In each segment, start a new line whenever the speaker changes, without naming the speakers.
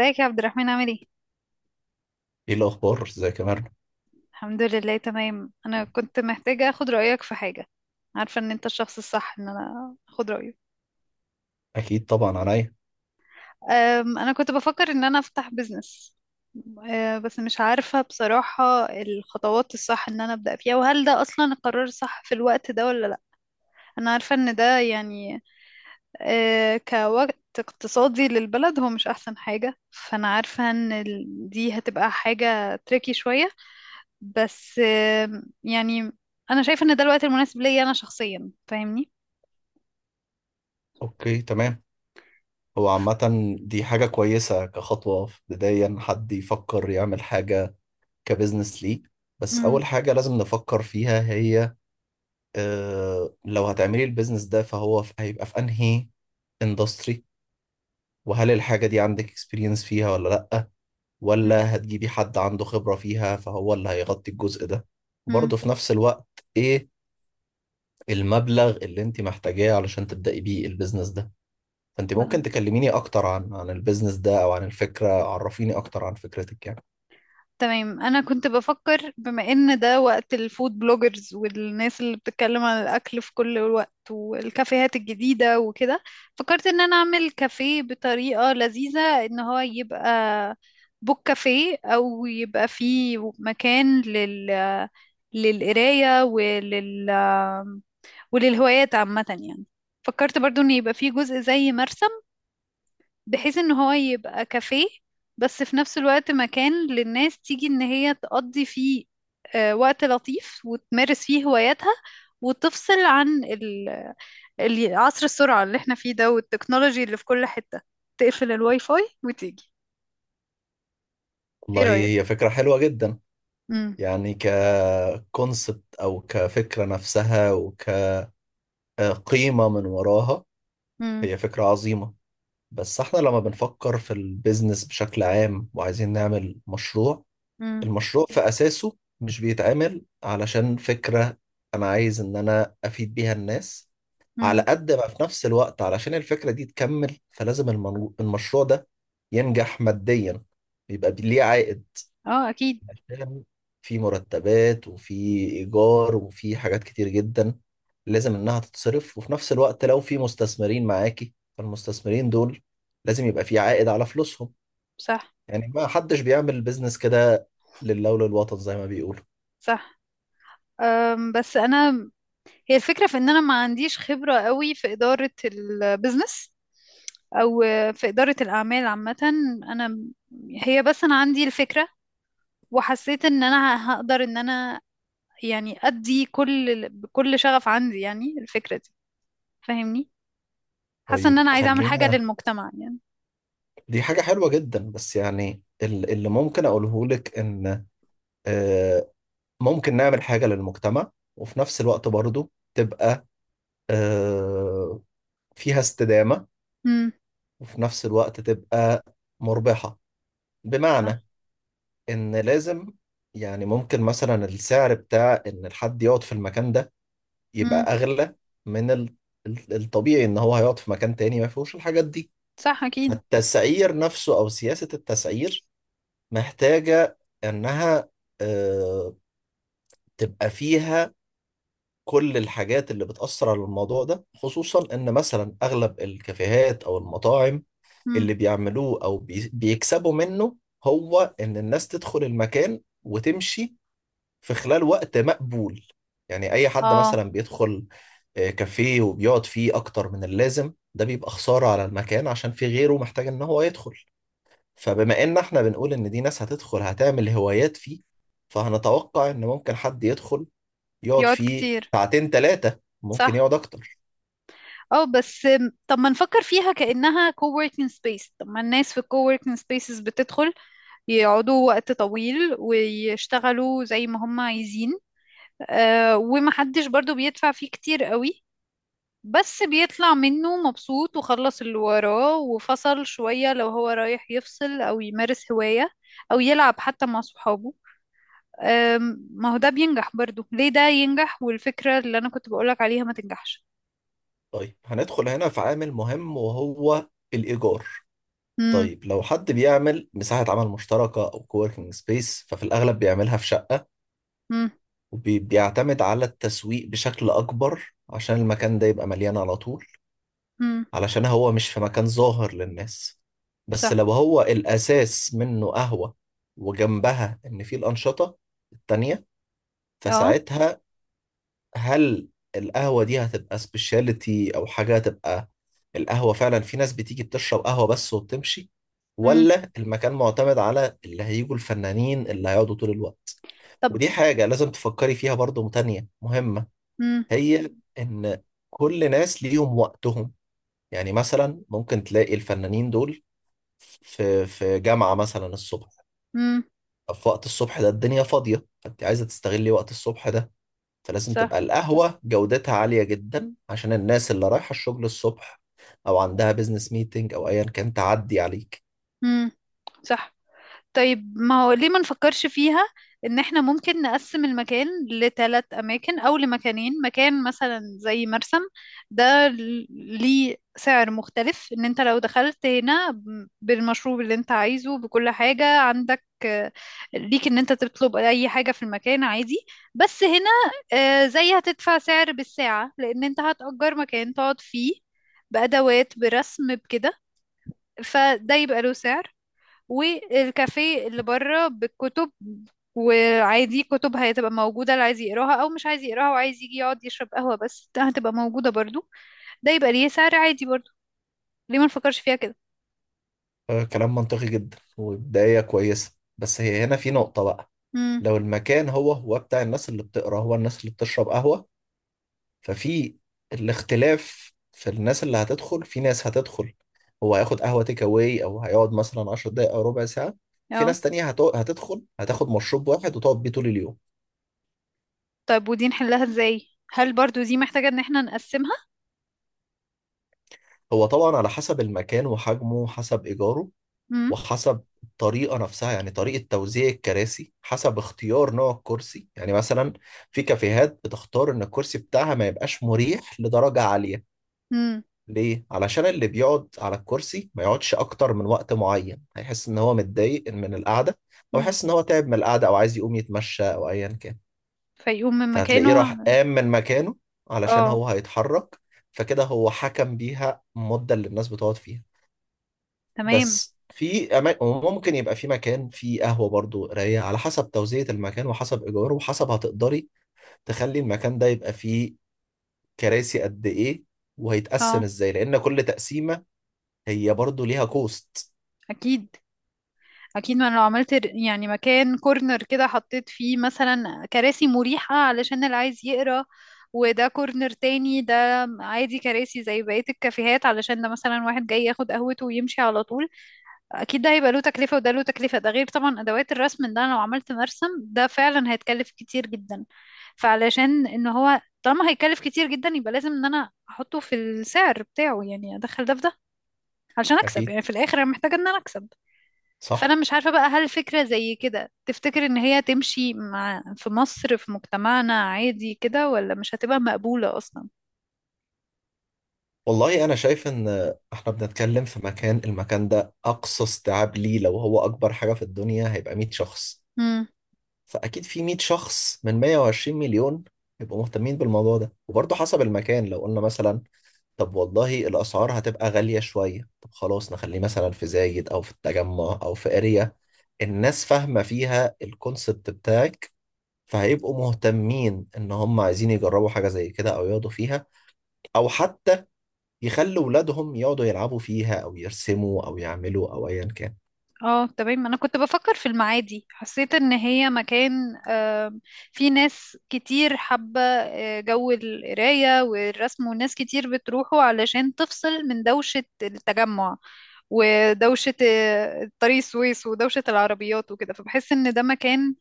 ازيك يا عبد الرحمن عامل ايه؟
ايه الاخبار، ازيك يا مرنة؟
الحمد لله، تمام. انا كنت محتاجة اخد رأيك في حاجة. عارفة ان انت الشخص الصح ان انا اخد رأيه.
اكيد طبعا عليا.
انا كنت بفكر ان انا افتح بيزنس. بس مش عارفة بصراحة الخطوات الصح ان انا ابدأ فيها، وهل ده اصلا القرار الصح في الوقت ده ولا لا. انا عارفة ان ده يعني كوقت اقتصادي للبلد هو مش احسن حاجة، فانا عارفة ان دي هتبقى حاجة تريكي شوية. بس يعني انا شايفه ان ده الوقت المناسب ليا انا شخصيا، فاهمني؟
اوكي تمام. هو عامة دي حاجة كويسة كخطوة في بداية إن حد يفكر يعمل حاجة كبزنس ليه، بس
امم.
أول حاجة لازم نفكر فيها هي آه لو هتعملي البيزنس ده فهو هيبقى في أنهي اندستري، وهل الحاجة دي عندك اكسبيرينس فيها ولا لأ، ولا
امم.
هتجيبي حد عنده خبرة فيها فهو اللي هيغطي الجزء ده.
امم.
وبرضه في نفس الوقت إيه المبلغ اللي أنت محتاجاه علشان تبدأي بيه البيزنس ده. فانت ممكن
لا.
تكلميني اكتر عن البيزنس ده او عن الفكره، عرفيني اكتر عن فكرتك يعني.
تمام، انا كنت بفكر بما ان ده وقت الفود بلوجرز والناس اللي بتتكلم عن الاكل في كل الوقت والكافيهات الجديده وكده، فكرت ان انا اعمل كافيه بطريقه لذيذه، ان هو يبقى بوك كافيه او يبقى فيه مكان لل للقرايه وللهوايات عامة يعني. فكرت برضو ان يبقى فيه جزء زي مرسم، بحيث ان هو يبقى كافيه بس في نفس الوقت مكان للناس تيجي ان هي تقضي فيه وقت لطيف وتمارس فيه هواياتها، وتفصل عن عصر السرعة اللي احنا فيه ده والتكنولوجي اللي في كل حتة، تقفل الواي فاي وتيجي. ايه
والله هي
رأيك؟
فكره حلوه جدا،
مم.
يعني ككونسبت او كفكره نفسها وكقيمه من وراها
مم.
هي فكره عظيمه. بس احنا لما بنفكر في البيزنس بشكل عام وعايزين نعمل مشروع،
مم.
المشروع في اساسه مش بيتعمل علشان فكره انا عايز ان انا افيد بيها الناس على
مم.
قد ما في نفس الوقت علشان الفكرة دي تكمل، فلازم المشروع ده ينجح ماديا، بيبقى ليه عائد
اه اكيد.
عشان في مرتبات وفي إيجار وفي حاجات كتير جدا لازم إنها تتصرف. وفي نفس الوقت لو في مستثمرين معاكي فالمستثمرين دول لازم يبقى في عائد على فلوسهم.
صح.
يعني ما حدش بيعمل بيزنس كده لله وللوطن زي ما بيقولوا.
صح. بس انا، هي الفكرة في ان انا ما عنديش خبرة قوي في ادارة البيزنس او في ادارة الاعمال عامة. انا هي بس انا عندي الفكرة، وحسيت ان انا هقدر ان انا يعني ادي كل بكل شغف عندي يعني الفكرة دي، فاهمني؟ حاسة ان
طيب
انا عايزة اعمل حاجة
خلينا،
للمجتمع يعني.
دي حاجة حلوة جدا بس يعني اللي ممكن أقوله لك إن آه، ممكن نعمل حاجة للمجتمع وفي نفس الوقت برضو تبقى آه، فيها استدامة
امم.
وفي نفس الوقت تبقى مربحة. بمعنى
صح.
إن لازم، يعني ممكن مثلا السعر بتاع إن الحد يقعد في المكان ده يبقى
امم.
أغلى من الطبيعي إن هو هيقعد في مكان تاني ما فيهوش الحاجات دي.
صح. اكيد.
فالتسعير نفسه أو سياسة التسعير محتاجة إنها آه، تبقى فيها كل الحاجات اللي بتأثر على الموضوع ده، خصوصا إن مثلا أغلب الكافيهات أو المطاعم
امم.
اللي بيعملوه أو بيكسبوا منه هو إن الناس تدخل المكان وتمشي في خلال وقت مقبول. يعني أي حد
اه.
مثلا بيدخل كافيه وبيقعد فيه أكتر من اللازم ده بيبقى خسارة على المكان عشان في غيره محتاج إن هو يدخل. فبما إن إحنا بنقول إن دي ناس هتدخل هتعمل هوايات فيه، فهنتوقع إن ممكن حد يدخل يقعد
يقعد
فيه
كتير.
ساعتين ثلاثة ممكن
صح.
يقعد أكتر.
اه بس، طب ما نفكر فيها كأنها coworking space؟ طب ما الناس في coworking spaces بتدخل يقعدوا وقت طويل ويشتغلوا زي ما هم عايزين، ومحدش برضو بيدفع فيه كتير قوي، بس بيطلع منه مبسوط وخلص اللي وراه وفصل شوية لو هو رايح يفصل أو يمارس هواية أو يلعب حتى مع صحابه. ما هو ده بينجح برضو، ليه ده ينجح والفكرة اللي أنا كنت بقولك عليها ما تنجحش؟
طيب هندخل هنا في عامل مهم وهو الإيجار.
مم.
طيب لو حد بيعمل مساحة عمل مشتركة أو كووركينج سبيس ففي الأغلب بيعملها في شقة،
مم.
وبيعتمد على التسويق بشكل أكبر عشان المكان ده يبقى مليان على طول،
مم.
علشان هو مش في مكان ظاهر للناس. بس
صح.
لو هو الأساس منه قهوة وجنبها إن فيه الأنشطة التانية،
اه.
فساعتها هل القهوة دي هتبقى سبيشاليتي أو حاجة، هتبقى القهوة فعلا في ناس بتيجي بتشرب قهوة بس وبتمشي،
مم.
ولا المكان معتمد على اللي هيجوا الفنانين اللي هيقعدوا طول الوقت.
طب.
ودي حاجة لازم تفكري فيها برضو تانية مهمة،
مم.
هي إن كل ناس ليهم وقتهم. يعني مثلا ممكن تلاقي الفنانين دول في جامعة مثلا الصبح.
مم.
في وقت الصبح ده الدنيا فاضية فأنت عايزة تستغلي وقت الصبح ده، فلازم تبقى
صح.
القهوة جودتها عالية جدا عشان الناس اللي رايحة الشغل الصبح أو عندها بيزنس ميتنج أو أيا كان تعدي عليك.
مم. صح. طيب، ما هو ليه ما نفكرش فيها ان احنا ممكن نقسم المكان لثلاث اماكن او لمكانين. مكان مثلا زي مرسم، ده ليه سعر مختلف، ان انت لو دخلت هنا بالمشروب اللي انت عايزه بكل حاجة عندك، ليك ان انت تطلب اي حاجة في المكان عادي. بس هنا زي هتدفع سعر بالساعة، لان انت هتأجر مكان تقعد فيه بأدوات برسم بكده، فده يبقى له سعر. والكافيه اللي بره بالكتب، وعادي كتب هتبقى موجودة اللي عايز يقراها أو مش عايز يقراها وعايز يجي يقعد يشرب قهوة بس ده هتبقى موجودة برضو، ده يبقى ليه سعر عادي برضو. ليه ما نفكرش فيها كده؟
كلام منطقي جدا وبداية كويسة، بس هي هنا في نقطة بقى.
امم.
لو المكان هو هو بتاع الناس اللي بتقرأ هو الناس اللي بتشرب قهوة، ففي الاختلاف في الناس اللي هتدخل، في ناس هتدخل هو هياخد قهوة تيك أواي أو هيقعد مثلا 10 دقايق أو ربع ساعة، في
اه.
ناس تانية هتدخل هتاخد مشروب واحد وتقعد بيه طول اليوم.
طيب، ودي نحلها ازاي؟ هل برضو دي محتاجة ان احنا نقسمها؟
هو طبعا على حسب المكان وحجمه وحسب إيجاره
امم.
وحسب الطريقة نفسها، يعني طريقة توزيع الكراسي حسب اختيار نوع الكرسي. يعني مثلا في كافيهات بتختار إن الكرسي بتاعها ما يبقاش مريح لدرجة عالية.
امم.
ليه؟ علشان اللي بيقعد على الكرسي ما يقعدش أكتر من وقت معين، هيحس إن هو متضايق من القعدة أو
امم.
يحس إن هو تعب من القعدة أو عايز يقوم يتمشى أو أيا كان،
فيقوم من مكانه.
فهتلاقيه راح قام من مكانه علشان
اه
هو هيتحرك. فكده هو حكم بيها المدة اللي الناس بتقعد فيها.
تمام.
بس في أماكن وممكن يبقى في مكان فيه قهوة برضو رايقة، على حسب توزيع المكان وحسب إيجاره وحسب هتقدري تخلي المكان ده يبقى فيه كراسي قد إيه وهيتقسم
اه
إزاي، لأن كل تقسيمة هي برضو ليها كوست.
اكيد. اكيد، ما أنا لو عملت يعني مكان كورنر كده، حطيت فيه مثلا كراسي مريحة علشان اللي عايز يقرا، وده كورنر تاني ده عادي كراسي زي بقية الكافيهات، علشان ده مثلا واحد جاي ياخد قهوته ويمشي على طول. اكيد ده هيبقى له تكلفة وده له تكلفة، ده غير طبعا ادوات الرسم. ده أنا لو عملت مرسم ده فعلا هيتكلف كتير جدا، فعلشان ان هو طالما هيتكلف كتير جدا يبقى لازم ان انا احطه في السعر بتاعه يعني، ادخل ده في ده علشان اكسب،
أكيد.
يعني في الاخر انا محتاجة ان انا اكسب. فانا
صح.
مش عارفة بقى، هل فكرة زي كده تفتكر ان هي تمشي مع في مصر في مجتمعنا عادي كده، ولا مش هتبقى مقبولة اصلا؟
والله أنا شايف إن إحنا بنتكلم في مكان، المكان ده أقصى استيعاب ليه لو هو أكبر حاجة في الدنيا هيبقى 100 شخص،
امم.
فأكيد في 100 شخص من 120 مليون يبقوا مهتمين بالموضوع ده. وبرضه حسب المكان لو قلنا مثلا طب والله الأسعار هتبقى غالية شوية، طب خلاص نخليه مثلا في زايد أو في التجمع أو في اريا الناس فاهمة فيها الكونسبت بتاعك، فهيبقوا مهتمين إن هم عايزين يجربوا حاجة زي كده أو يقعدوا فيها أو حتى يخلوا ولادهم يقعدوا يلعبوا فيها أو يرسموا أو يعملوا أو أيا كان.
اه تمام، انا كنت بفكر في المعادي. حسيت ان هي مكان في ناس كتير حابة جو القراية والرسم، وناس كتير بتروحوا علشان تفصل من دوشة التجمع ودوشة طريق السويس ودوشة العربيات وكده. فبحس ان ده مكان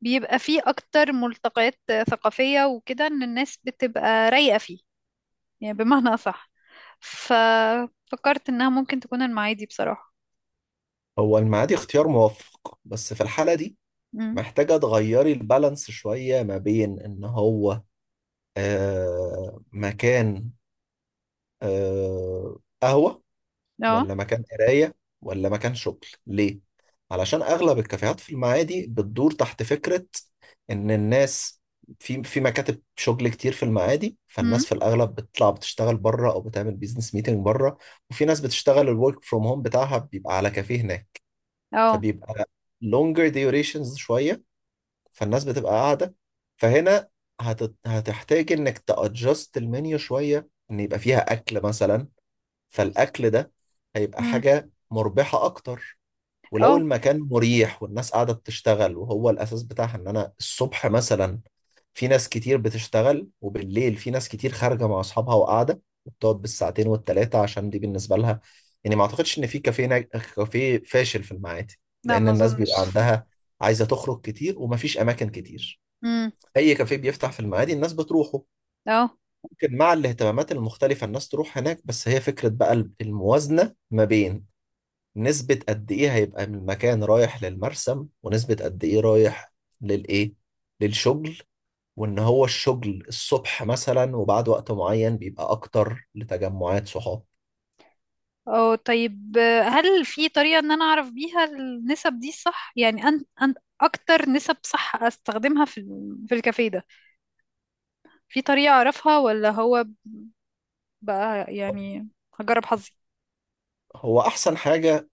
بيبقى فيه أكتر ملتقيات ثقافية وكده، إن الناس بتبقى رايقة فيه، يعني بمعنى أصح. ففكرت إنها ممكن تكون المعادي بصراحة.
هو المعادي اختيار موفق بس في الحالة دي
امم.
محتاجة تغيري البالانس شوية ما بين إن هو آه مكان، آه قهوة،
اه.
ولا مكان قراية، ولا مكان شغل. ليه؟ علشان أغلب الكافيهات في المعادي بتدور تحت فكرة إن الناس في مكاتب شغل كتير في المعادي،
امم.
فالناس في الأغلب بتطلع بتشتغل بره أو بتعمل بيزنس ميتنج بره، وفي ناس بتشتغل الورك فروم هوم بتاعها بيبقى على كافيه هناك،
اه.
فبيبقى longer durations شوية، فالناس بتبقى قاعدة. فهنا هتحتاج إنك تأجست المنيو شوية إن يبقى فيها أكل مثلا، فالاكل ده هيبقى
امم.
حاجه مربحه اكتر.
اه.
ولو المكان مريح والناس قاعده بتشتغل وهو الاساس بتاعها ان انا الصبح مثلا في ناس كتير بتشتغل، وبالليل في ناس كتير خارجه مع اصحابها وقاعده وبتقعد بالساعتين والتلاته عشان دي بالنسبه لها، يعني ما اعتقدش ان في كافيه كافيه فاشل في المعادي،
لا
لان
ما
الناس بيبقى
أظنش.
عندها عايزه تخرج كتير ومفيش اماكن كتير.
امم.
اي كافيه بيفتح في المعادي الناس بتروحه،
اه.
ممكن مع الاهتمامات المختلفة الناس تروح هناك. بس هي فكرة بقى الموازنة ما بين نسبة قد إيه هيبقى من المكان رايح للمرسم ونسبة قد إيه رايح للإيه، للشغل، وإن هو الشغل الصبح مثلا وبعد وقت معين بيبقى أكتر لتجمعات صحاب.
اه طيب، هل في طريقة إن أنا أعرف بيها النسب دي صح؟ يعني أن أكتر نسب صح أستخدمها في في الكافيه ده، في طريقة أعرفها ولا هو بقى يعني هجرب حظي؟
هو أحسن حاجة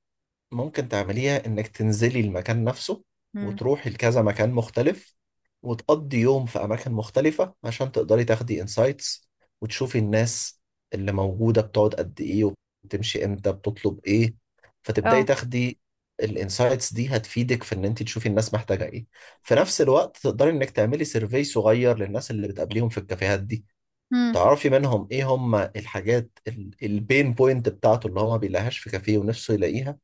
ممكن تعمليها انك تنزلي المكان نفسه
امم.
وتروحي لكذا مكان مختلف وتقضي يوم في اماكن مختلفة عشان تقدري تاخدي انسايتس وتشوفي الناس اللي موجودة بتقعد قد ايه وبتمشي امتى بتطلب ايه، فتبداي
اه.
تاخدي الانسايتس دي هتفيدك في ان انت تشوفي الناس محتاجة ايه. في نفس الوقت تقدري انك تعملي سيرفي صغير للناس اللي بتقابليهم في الكافيهات دي، تعرفي منهم ايه هم الحاجات، البين بوينت بتاعته اللي هو ما بيلاقيهاش في كافيه ونفسه يلاقيها،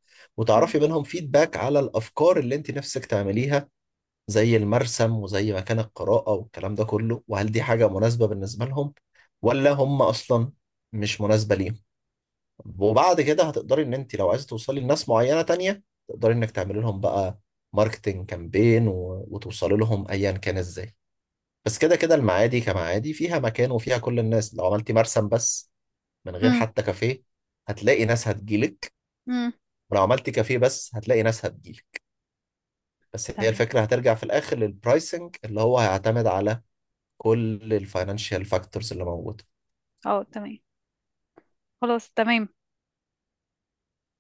امم.
وتعرفي منهم فيدباك على الافكار اللي انت نفسك تعمليها زي المرسم وزي مكان القراءة والكلام ده كله، وهل دي حاجة مناسبة بالنسبة لهم ولا هم اصلا مش مناسبة ليهم. وبعد كده هتقدري ان انت لو عايزة توصلي لناس معينة تانية تقدري انك تعملي لهم بقى ماركتنج كامبين وتوصلي لهم ايا كان ازاي. بس كده كده المعادي كمعادي فيها مكان وفيها كل الناس، لو عملتي مرسم بس من غير
امم.
حتى كافيه هتلاقي ناس هتجيلك،
امم.
ولو عملتي كافيه بس هتلاقي ناس هتجيلك. بس هي
تمام.
الفكرة هترجع في الآخر للبرايسنج اللي هو هيعتمد على كل الفاينانشال فاكتورز اللي موجودة.
اه تمام. خلاص تمام.